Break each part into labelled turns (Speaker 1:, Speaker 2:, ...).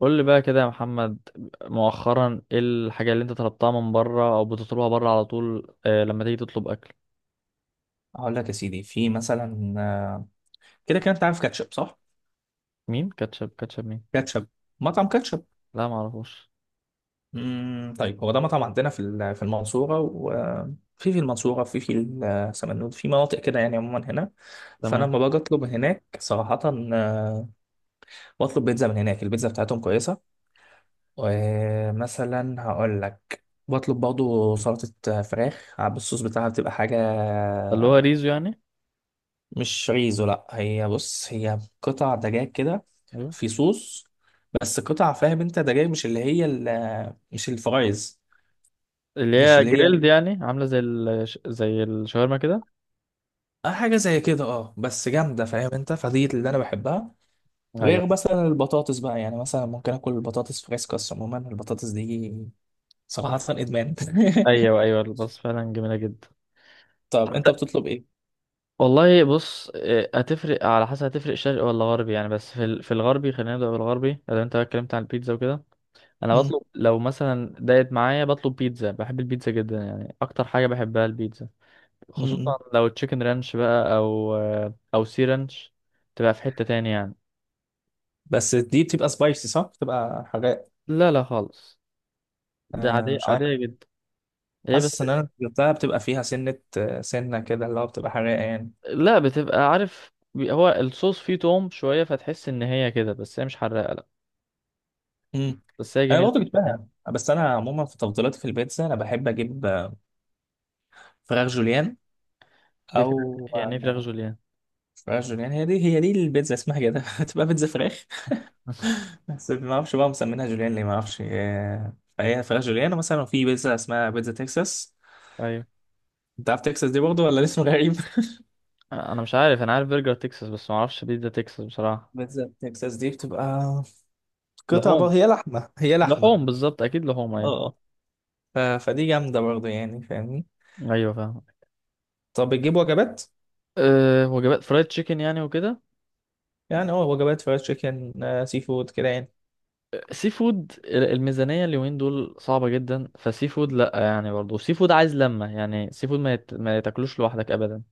Speaker 1: قول لي بقى كده يا محمد، مؤخرا ايه الحاجة اللي انت طلبتها من بره او بتطلبها بره على طول، لما تيجي تطلب اكل؟
Speaker 2: هقول لك يا سيدي، في مثلا كده كده انت عارف كاتشب صح؟
Speaker 1: مين كاتشب كاتشب مين؟
Speaker 2: كاتشب. مطعم كاتشب.
Speaker 1: لا معرفوش.
Speaker 2: طيب، هو ده مطعم عندنا في في المنصورة، وفي في في المنصورة، في سمنود، في مناطق كده، يعني عموما هنا. فانا
Speaker 1: تمام.
Speaker 2: لما باجي اطلب هناك صراحة آه، بطلب بيتزا من هناك. البيتزا بتاعتهم كويسة. ومثلا هقول لك بطلب برضه سلطة فراخ بالصوص بتاعها، بتبقى حاجة.
Speaker 1: ده اللي هو ريزو يعني.
Speaker 2: مش ريزو، لا، هي بص، هي قطع دجاج كده،
Speaker 1: ايوه.
Speaker 2: في صوص. بس قطع، فاهم انت، ده جاي، مش اللي هي مش الفرايز.
Speaker 1: اللي
Speaker 2: مش
Speaker 1: هي
Speaker 2: اللي هي.
Speaker 1: جريلد يعني عاملة زي زي الشاورما كده.
Speaker 2: اه، حاجه زي كده، اه، بس جامده، فاهم انت، فدي اللي انا بحبها.
Speaker 1: ايوه
Speaker 2: غير مثلا البطاطس بقى، يعني مثلا ممكن اكل البطاطس فريسكاس. عموما البطاطس دي صراحه ادمان
Speaker 1: ايوه. ايوه بس فعلا جميلة جدا.
Speaker 2: طب انت
Speaker 1: حتى.
Speaker 2: بتطلب ايه؟
Speaker 1: والله بص، هتفرق على حسب، هتفرق شرقي ولا غربي يعني. بس في الغربي، خلينا نبدأ بالغربي لو انت بقى اتكلمت عن البيتزا وكده. انا
Speaker 2: مم.
Speaker 1: بطلب لو مثلا ضاقت معايا بطلب بيتزا، بحب البيتزا جدا يعني، اكتر حاجه بحبها البيتزا. خصوصا
Speaker 2: مم.
Speaker 1: لو تشيكن رانش بقى او سي رانش، تبقى في حته تاني يعني.
Speaker 2: بس دي بتبقى سبايسي صح؟ بتبقى حراق؟
Speaker 1: لا لا خالص. ده عاديه
Speaker 2: مش عارف.
Speaker 1: عاديه جدا. هي بس.
Speaker 2: حاسس ان انا جبتها بتبقى فيها سنه كده، اللي هو بتبقى حراق يعني.
Speaker 1: لا، بتبقى عارف، هو الصوص فيه توم شويه، فتحس ان هي كده، بس هي مش حراقه، لا.
Speaker 2: مم.
Speaker 1: بس هي
Speaker 2: انا
Speaker 1: جميله
Speaker 2: برضه
Speaker 1: جدا يعني.
Speaker 2: جبتها. بس انا عموما في تفضيلاتي في البيتزا، انا بحب اجيب فراخ جوليان.
Speaker 1: ايه فراخ؟
Speaker 2: او
Speaker 1: يعني إيه فراخ جوليان؟
Speaker 2: فراخ جوليان. هي دي البيتزا اسمها كده تبقى بيتزا فراخ. بس ما اعرفش بقى مسمينها جوليان ليه، ما اعرفش فهي فراخ جوليان. ومثلا في بيتزا اسمها بيتزا تكساس.
Speaker 1: ايوه.
Speaker 2: انت عارف تكساس دي برضه ولا الاسم غريب؟
Speaker 1: انا مش عارف، انا عارف برجر تكساس بس ما اعرفش بيتزا تكساس بصراحه.
Speaker 2: بيتزا تكساس دي بتبقى قطع بقى،
Speaker 1: لحوم.
Speaker 2: هي لحمه، هي لحمه.
Speaker 1: لحوم بالظبط اكيد لحوم ايوه.
Speaker 2: اه. فدي جامده برضه يعني، فاهمني.
Speaker 1: ايوه فاهم.
Speaker 2: طب بتجيب وجبات؟
Speaker 1: أه وجبات فرايد تشيكن يعني وكده.
Speaker 2: يعني اه، وجبات فرايد تشيكن، سي فود كده.
Speaker 1: سي فود، الميزانية اليومين دول صعبة جدا، فسي فود لأ يعني، برضه سي فود عايز لمة يعني، سي فود ما يتاكلوش لوحدك أبدا.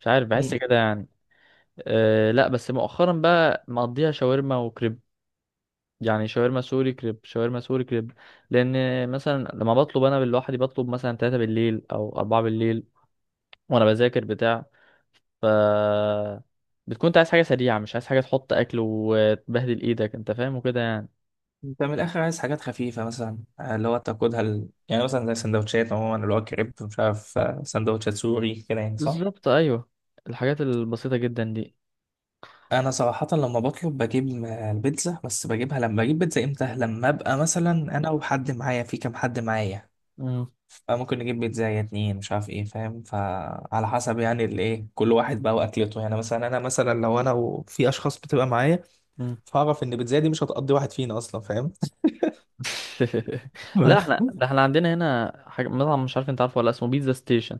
Speaker 1: مش عارف، بحس
Speaker 2: يعني
Speaker 1: كده يعني. أه لأ، بس مؤخرا بقى مقضيها شاورما وكريب. يعني شاورما سوري كريب، شاورما سوري كريب. لأن مثلا لما بطلب أنا لوحدي، بطلب مثلا 3 بالليل أو 4 بالليل وأنا بذاكر بتاع. ف بتكون انت عايز حاجة سريعة، مش عايز حاجة تحط أكل وتبهدل إيدك، أنت فاهم وكده يعني.
Speaker 2: انت من الاخر عايز حاجات خفيفه، مثلا آه، اللي هو تاكلها ال... يعني مثلا زي سندوتشات، عموما اللي هو كريب، مش عارف سندوتشات سوري كده يعني، صح؟
Speaker 1: بالظبط ايوه. الحاجات البسيطة جدا دي.
Speaker 2: انا صراحه لما بطلب بجيب البيتزا. بس بجيبها لما بجيب بيتزا امتى؟ لما ابقى مثلا انا وحد معايا، في كام حد معايا.
Speaker 1: مم.
Speaker 2: فممكن نجيب بيتزا يا اتنين، مش عارف ايه، فاهم؟ فعلى حسب يعني الايه، كل واحد بقى واكلته، يعني مثلا انا، مثلا لو انا وفي اشخاص بتبقى معايا،
Speaker 1: مم.
Speaker 2: فاعرف ان البيتزا دي مش هتقضي واحد فينا اصلا، فاهم؟
Speaker 1: لا احنا، ده احنا عندنا هنا حاجة مطعم، مش عارف انت عارفه ولا، اسمه بيتزا ستيشن.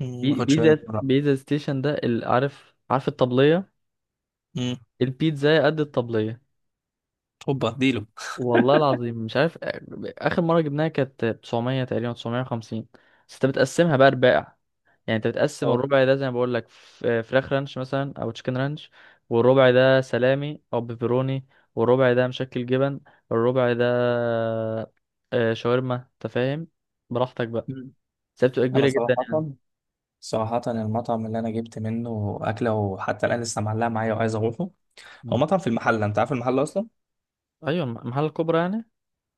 Speaker 2: ما
Speaker 1: بي...
Speaker 2: اخدش بالي من
Speaker 1: بيتزا
Speaker 2: الموضوع.
Speaker 1: بيتزا ستيشن ده، عارف عارف الطبلية؟
Speaker 2: مم،
Speaker 1: البيتزا قد الطبلية.
Speaker 2: هوبا اديله.
Speaker 1: والله العظيم مش عارف. آخر مرة جبناها كانت 900 تقريبا، 950. بس انت بتقسمها بقى رباع. يعني انت بتقسم الربع ده زي ما بقول لك، فراخ رانش مثلا او تشيكن رانش، والربع ده سلامي او بيبروني، والربع ده مشكل جبن، الربع ده شاورما، انت فاهم. براحتك بقى.
Speaker 2: مم.
Speaker 1: بس هي بتبقى
Speaker 2: انا
Speaker 1: كبيره جدا
Speaker 2: صراحة،
Speaker 1: يعني.
Speaker 2: صراحة المطعم اللي انا جبت منه اكلة وحتى الان لسه معلقة معايا، وعايز اروحه. هو
Speaker 1: مم.
Speaker 2: مطعم في المحلة، انت عارف المحلة اصلا؟
Speaker 1: ايوه المحل الكبرى يعني.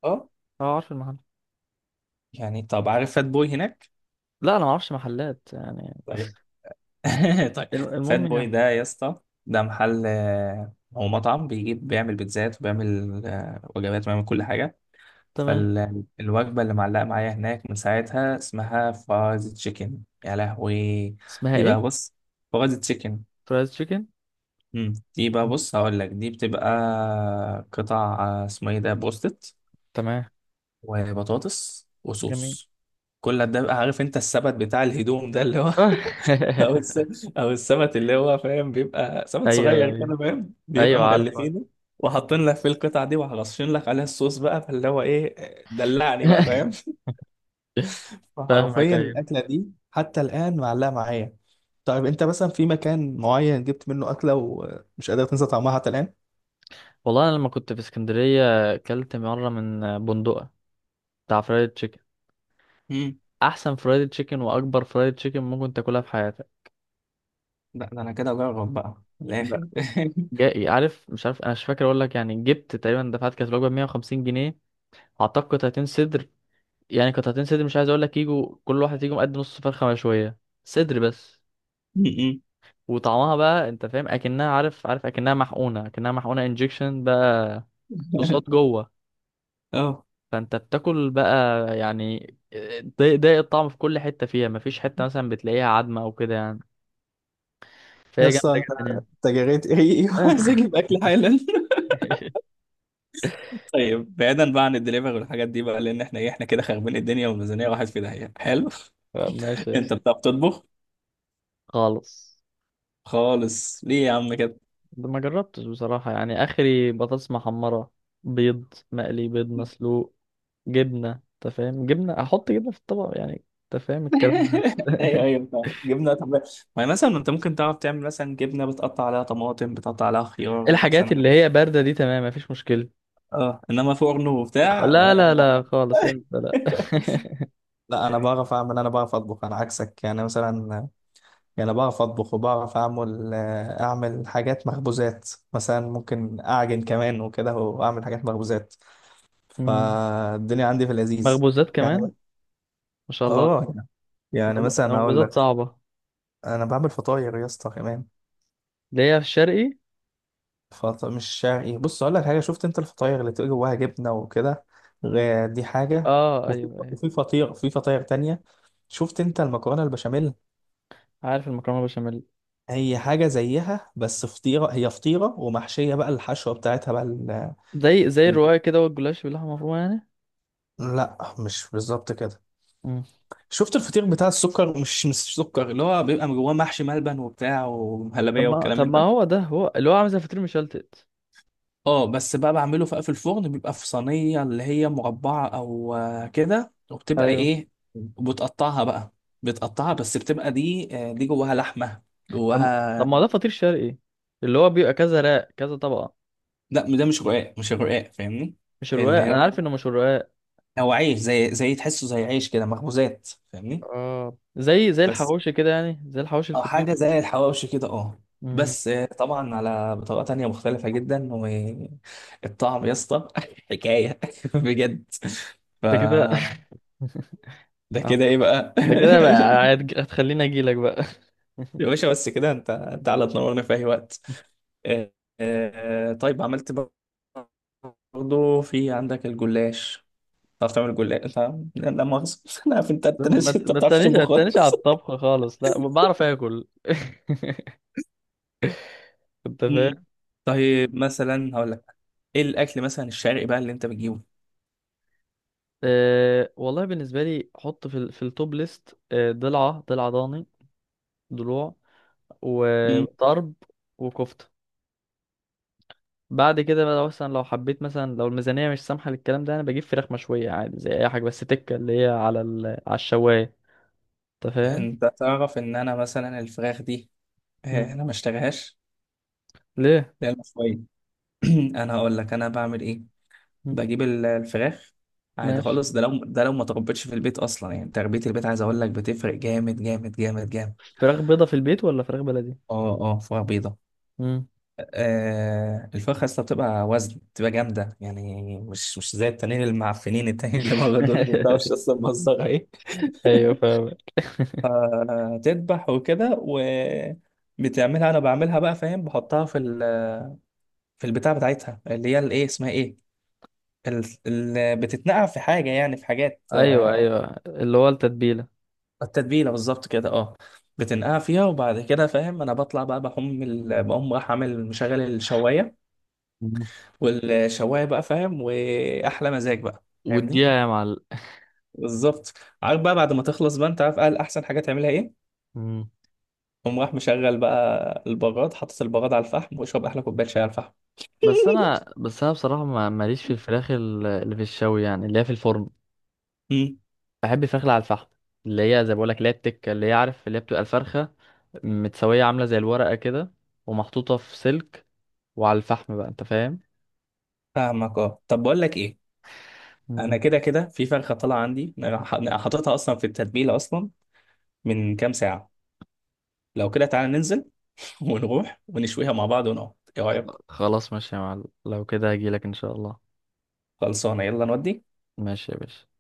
Speaker 2: اه.
Speaker 1: اه عارف المحل.
Speaker 2: يعني طب عارف فات بوي هناك؟
Speaker 1: لا انا ما اعرفش محلات يعني بس.
Speaker 2: طيب طيب. فات
Speaker 1: المهم
Speaker 2: بوي
Speaker 1: يعني.
Speaker 2: ده يا اسطى، ده محل هو مطعم بيجيب، بيعمل بيتزات وبيعمل وجبات وبيعمل كل حاجة.
Speaker 1: تمام.
Speaker 2: فالوجبة اللي معلقة معايا هناك من ساعتها اسمها فرايز تشيكن، يا لهوي!
Speaker 1: اسمها
Speaker 2: دي بقى
Speaker 1: ايه؟
Speaker 2: بص، فرايز تشيكن.
Speaker 1: فرايز تشيكن.
Speaker 2: مم. دي بقى
Speaker 1: مم.
Speaker 2: بص هقول لك، دي بتبقى قطع اسمه ايه ده، بروستت،
Speaker 1: تمام.
Speaker 2: وبطاطس
Speaker 1: جميل.
Speaker 2: وصوص. كل ده بقى، عارف انت السبت بتاع الهدوم ده اللي هو او الس... او السبت اللي هو، فاهم؟ بيبقى سبت
Speaker 1: ايوه
Speaker 2: صغير
Speaker 1: ايوه
Speaker 2: كده، فاهم؟ بيبقى
Speaker 1: ايوه عارفه.
Speaker 2: مغلفينه، وحاطين لك فيه القطع دي، وهرشين لك عليها الصوص بقى، فاللي هو ايه، دلعني بقى، فاهم؟
Speaker 1: فاهمك
Speaker 2: فحرفيا
Speaker 1: ايوه.
Speaker 2: الاكله دي حتى الان معلقه معايا. طيب انت مثلا في مكان معين جبت منه اكله ومش قادر تنسى طعمها حتى الان؟
Speaker 1: والله انا لما كنت في اسكندريه اكلت مره من بندقه، بتاع فرايد تشيكن، احسن فرايد تشيكن واكبر فرايد تشيكن ممكن تاكلها في حياتك.
Speaker 2: لا ده انا كده اجرب بقى من
Speaker 1: لا.
Speaker 2: الاخر
Speaker 1: جاي عارف، مش عارف، انا مش فاكر اقول لك يعني، جبت تقريبا، دفعت كانت الوجبه 150 جنيه. اعتقد قطعتين صدر. يعني قطعتين صدر، مش عايز اقول لك، يجوا كل واحد يجوا قد نص فرخه مشويه. صدر بس. وطعمها بقى انت فاهم، اكنها، عارف عارف، اكنها محقونه، اكنها محقونه انجكشن بقى، صوصات جوه.
Speaker 2: اه.
Speaker 1: فانت بتاكل بقى، يعني ضايق ضايق الطعم في كل حته فيها، مفيش حته مثلا بتلاقيها عدمه او كده يعني.
Speaker 2: يا
Speaker 1: فهي
Speaker 2: اسطى
Speaker 1: جامده
Speaker 2: انت!
Speaker 1: جدا يعني.
Speaker 2: أنت جريت ريقي وعايز اجيب اكل حالا. طيب بعيدا بقى عن الدليفري والحاجات دي بقى، لان احنا ايه، احنا كده خاربين الدنيا، والميزانيه راحت في داهيه. حلو
Speaker 1: لا، ماشي يا
Speaker 2: انت
Speaker 1: اسطى.
Speaker 2: بتعرف تطبخ؟
Speaker 1: خالص.
Speaker 2: خالص! ليه يا عم كده؟
Speaker 1: ده ما جربتش بصراحه، يعني اخري بطاطس محمره، بيض مقلي، بيض مسلوق، جبنه، انت فاهم، جبنه، احط جبنه في الطبق يعني. انت فاهم الكلام ده.
Speaker 2: ايوه ايوه فاهم. جبنه طب. ما مثلا انت ممكن تعرف تعمل مثلا جبنه، بتقطع عليها طماطم، بتقطع عليها خيار
Speaker 1: الحاجات
Speaker 2: مثلا.
Speaker 1: اللي هي بارده دي تمام مفيش مشكله.
Speaker 2: اه انما فرن وبتاع
Speaker 1: لا لا لا خالص، انت لا.
Speaker 2: لا لا، انا بعرف اعمل، انا بعرف اطبخ، انا عكسك يعني. مثلا يعني بعرف أطبخ وبعرف أعمل أعمل حاجات مخبوزات، مثلا ممكن أعجن كمان وكده، وأعمل حاجات مخبوزات.
Speaker 1: مم.
Speaker 2: فالدنيا عندي في اللذيذ
Speaker 1: مخبوزات
Speaker 2: يعني.
Speaker 1: كمان؟ ما شاء الله.
Speaker 2: آه. يعني مثلا هقول
Speaker 1: مخبوزات
Speaker 2: لك:
Speaker 1: صعبة.
Speaker 2: أنا بعمل فطاير يا اسطى كمان.
Speaker 1: اللي هي في الشرقي.
Speaker 2: مش شرقي. بص هقول لك حاجة: شفت أنت الفطاير اللي تبقى جواها جبنة وكده؟ دي حاجة.
Speaker 1: اه
Speaker 2: وفي
Speaker 1: ايوه ايوه
Speaker 2: فطير، في فطاير تانية. شفت أنت المكرونة البشاميل؟
Speaker 1: عارف المكرونة بشاميل.
Speaker 2: هي حاجة زيها بس فطيرة، هي فطيرة ومحشية بقى، الحشوة بتاعتها بقى.
Speaker 1: زي الرواية كده، والجلاش باللحمة مفرومة يعني.
Speaker 2: لا، مش بالظبط كده.
Speaker 1: مم.
Speaker 2: شفت الفطير بتاع السكر؟ مش سكر، اللي هو بيبقى جواه محشي ملبن وبتاع
Speaker 1: طب
Speaker 2: ومهلبية
Speaker 1: ما
Speaker 2: والكلام
Speaker 1: طب
Speaker 2: من
Speaker 1: ما
Speaker 2: ده.
Speaker 1: هو ده، هو اللي هو عامل زي فطير مشلتت.
Speaker 2: اه بس بقى بعمله في الفرن، بيبقى في صينية اللي هي مربعة او كده، وبتبقى
Speaker 1: ايوه.
Speaker 2: ايه، وبتقطعها بقى، بتقطعها، بس بتبقى دي جواها لحمة،
Speaker 1: طب ما طب
Speaker 2: جواها.
Speaker 1: ما هو ده فطير شرقي، اللي هو بيبقى كذا راق كذا طبقة.
Speaker 2: لا ده مش رقاق، مش رقاق، فاهمني؟
Speaker 1: مش الرقاق،
Speaker 2: اللي
Speaker 1: انا
Speaker 2: هو،
Speaker 1: عارف انه مش الرقاق.
Speaker 2: هو عيش، زي تحسه، زي عيش كده، مخبوزات، فاهمني؟
Speaker 1: اه زي
Speaker 2: بس.
Speaker 1: الحواوشي كده يعني، زي الحواوشي
Speaker 2: او حاجه
Speaker 1: الفطير.
Speaker 2: زي الحواوشي كده، اه.
Speaker 1: مم.
Speaker 2: بس طبعا على بطريقه تانية مختلفه جدا. والطعم يا اسطى حكايه بجد. ف
Speaker 1: ده كده.
Speaker 2: ده
Speaker 1: آه.
Speaker 2: كده ايه بقى؟
Speaker 1: ده كده بقى هتخليني اجيلك بقى.
Speaker 2: يا باشا بس كده، انت على تنورنا في اي وقت. آه، طيب، عملت برضه في عندك الجلاش؟ تعرف تعمل جلاش انت؟ لا لا مؤاخذه انا عارف انت ناسي، انت ما
Speaker 1: ما
Speaker 2: بتعرفش
Speaker 1: تسألنيش، ما
Speaker 2: تطبخ
Speaker 1: تسألنيش على
Speaker 2: خالص.
Speaker 1: الطبخ خالص، لا بعرف اكل. انت
Speaker 2: مم.
Speaker 1: فاهم.
Speaker 2: طيب مثلا هقول لك: ايه الاكل مثلا الشرقي بقى اللي انت بتجيبه؟
Speaker 1: أه والله، بالنسبه لي، حط في التوب ليست ضلع ضاني، ضلوع، وطرب، وكفته. بعد كده بقى لو مثلا، لو حبيت مثلا، لو الميزانيه مش سامحه للكلام ده، انا بجيب فراخ مشويه عادي زي اي حاجه، بس تكه اللي هي على الشوايه. انت فاهم.
Speaker 2: انت تعرف ان انا مثلا الفراخ دي
Speaker 1: مم.
Speaker 2: انا ما اشتريهاش.
Speaker 1: ليه؟
Speaker 2: لا، المشوية. انا هقول لك انا بعمل ايه.
Speaker 1: مم.
Speaker 2: بجيب الفراخ عادي
Speaker 1: ماشي.
Speaker 2: خالص. ده لو ما تربيتش في البيت اصلا، يعني تربية البيت عايز اقول لك بتفرق جامد جامد جامد جامد.
Speaker 1: فراخ بيضه في البيت ولا فراخ بلدي؟
Speaker 2: اه اه فراخ بيضة.
Speaker 1: مم.
Speaker 2: الفراخ اصلا بتبقى وزن، بتبقى جامدة يعني، مش زي التانيين المعفنين، التانيين اللي بره دول ما بتعرفش اصلا مصدرها ايه.
Speaker 1: ايوه فاهم.
Speaker 2: فتذبح وكده، بتعملها، انا بعملها بقى فاهم، بحطها في ال في البتاع بتاعتها، اللي هي الايه، اسمها ايه، بتتنقع في حاجه، يعني في حاجات
Speaker 1: ايوه ايوه اللي هو التتبيله.
Speaker 2: التتبيله بالظبط كده، اه. بتنقع فيها، وبعد كده فاهم، انا بطلع بقى، بقوم راح عامل مشغل الشوايه،
Speaker 1: مم.
Speaker 2: والشوايه بقى فاهم، واحلى مزاج بقى، فاهمني؟
Speaker 1: واديها يا معلم.
Speaker 2: بالظبط. عارف بقى بعد ما تخلص بقى، انت عارف قال احسن حاجه تعملها ايه؟ قوم راح مشغل بقى البراد، حاطط البراد على الفحم، واشرب احلى كوبايه شاي على الفحم
Speaker 1: بس انا بس انا بصراحه ماليش في الفراخ اللي في الشوي، يعني اللي هي في الفرن.
Speaker 2: مم.
Speaker 1: بحب الفراخ اللي على الفحم، اللي هي زي ما بقول لك، اللي هي التكه، اللي هي عارف، اللي هي بتبقى الفرخه متسويه عامله زي الورقه كده، ومحطوطه في سلك، وعلى الفحم بقى انت فاهم.
Speaker 2: فاهمك اه. طب بقول لك ايه:
Speaker 1: مم.
Speaker 2: انا كده كده في فرخه طالعه عندي، أنا حاططها اصلا في التتبيله اصلا من كام ساعه. لو كده تعالى ننزل ونروح ونشويها مع بعض ونقعد، ايه رايك؟
Speaker 1: خلاص ماشي يا معلم، لو كده هجيلك ان شاء الله.
Speaker 2: خلصانه يلا نودي.
Speaker 1: ماشي يا باشا.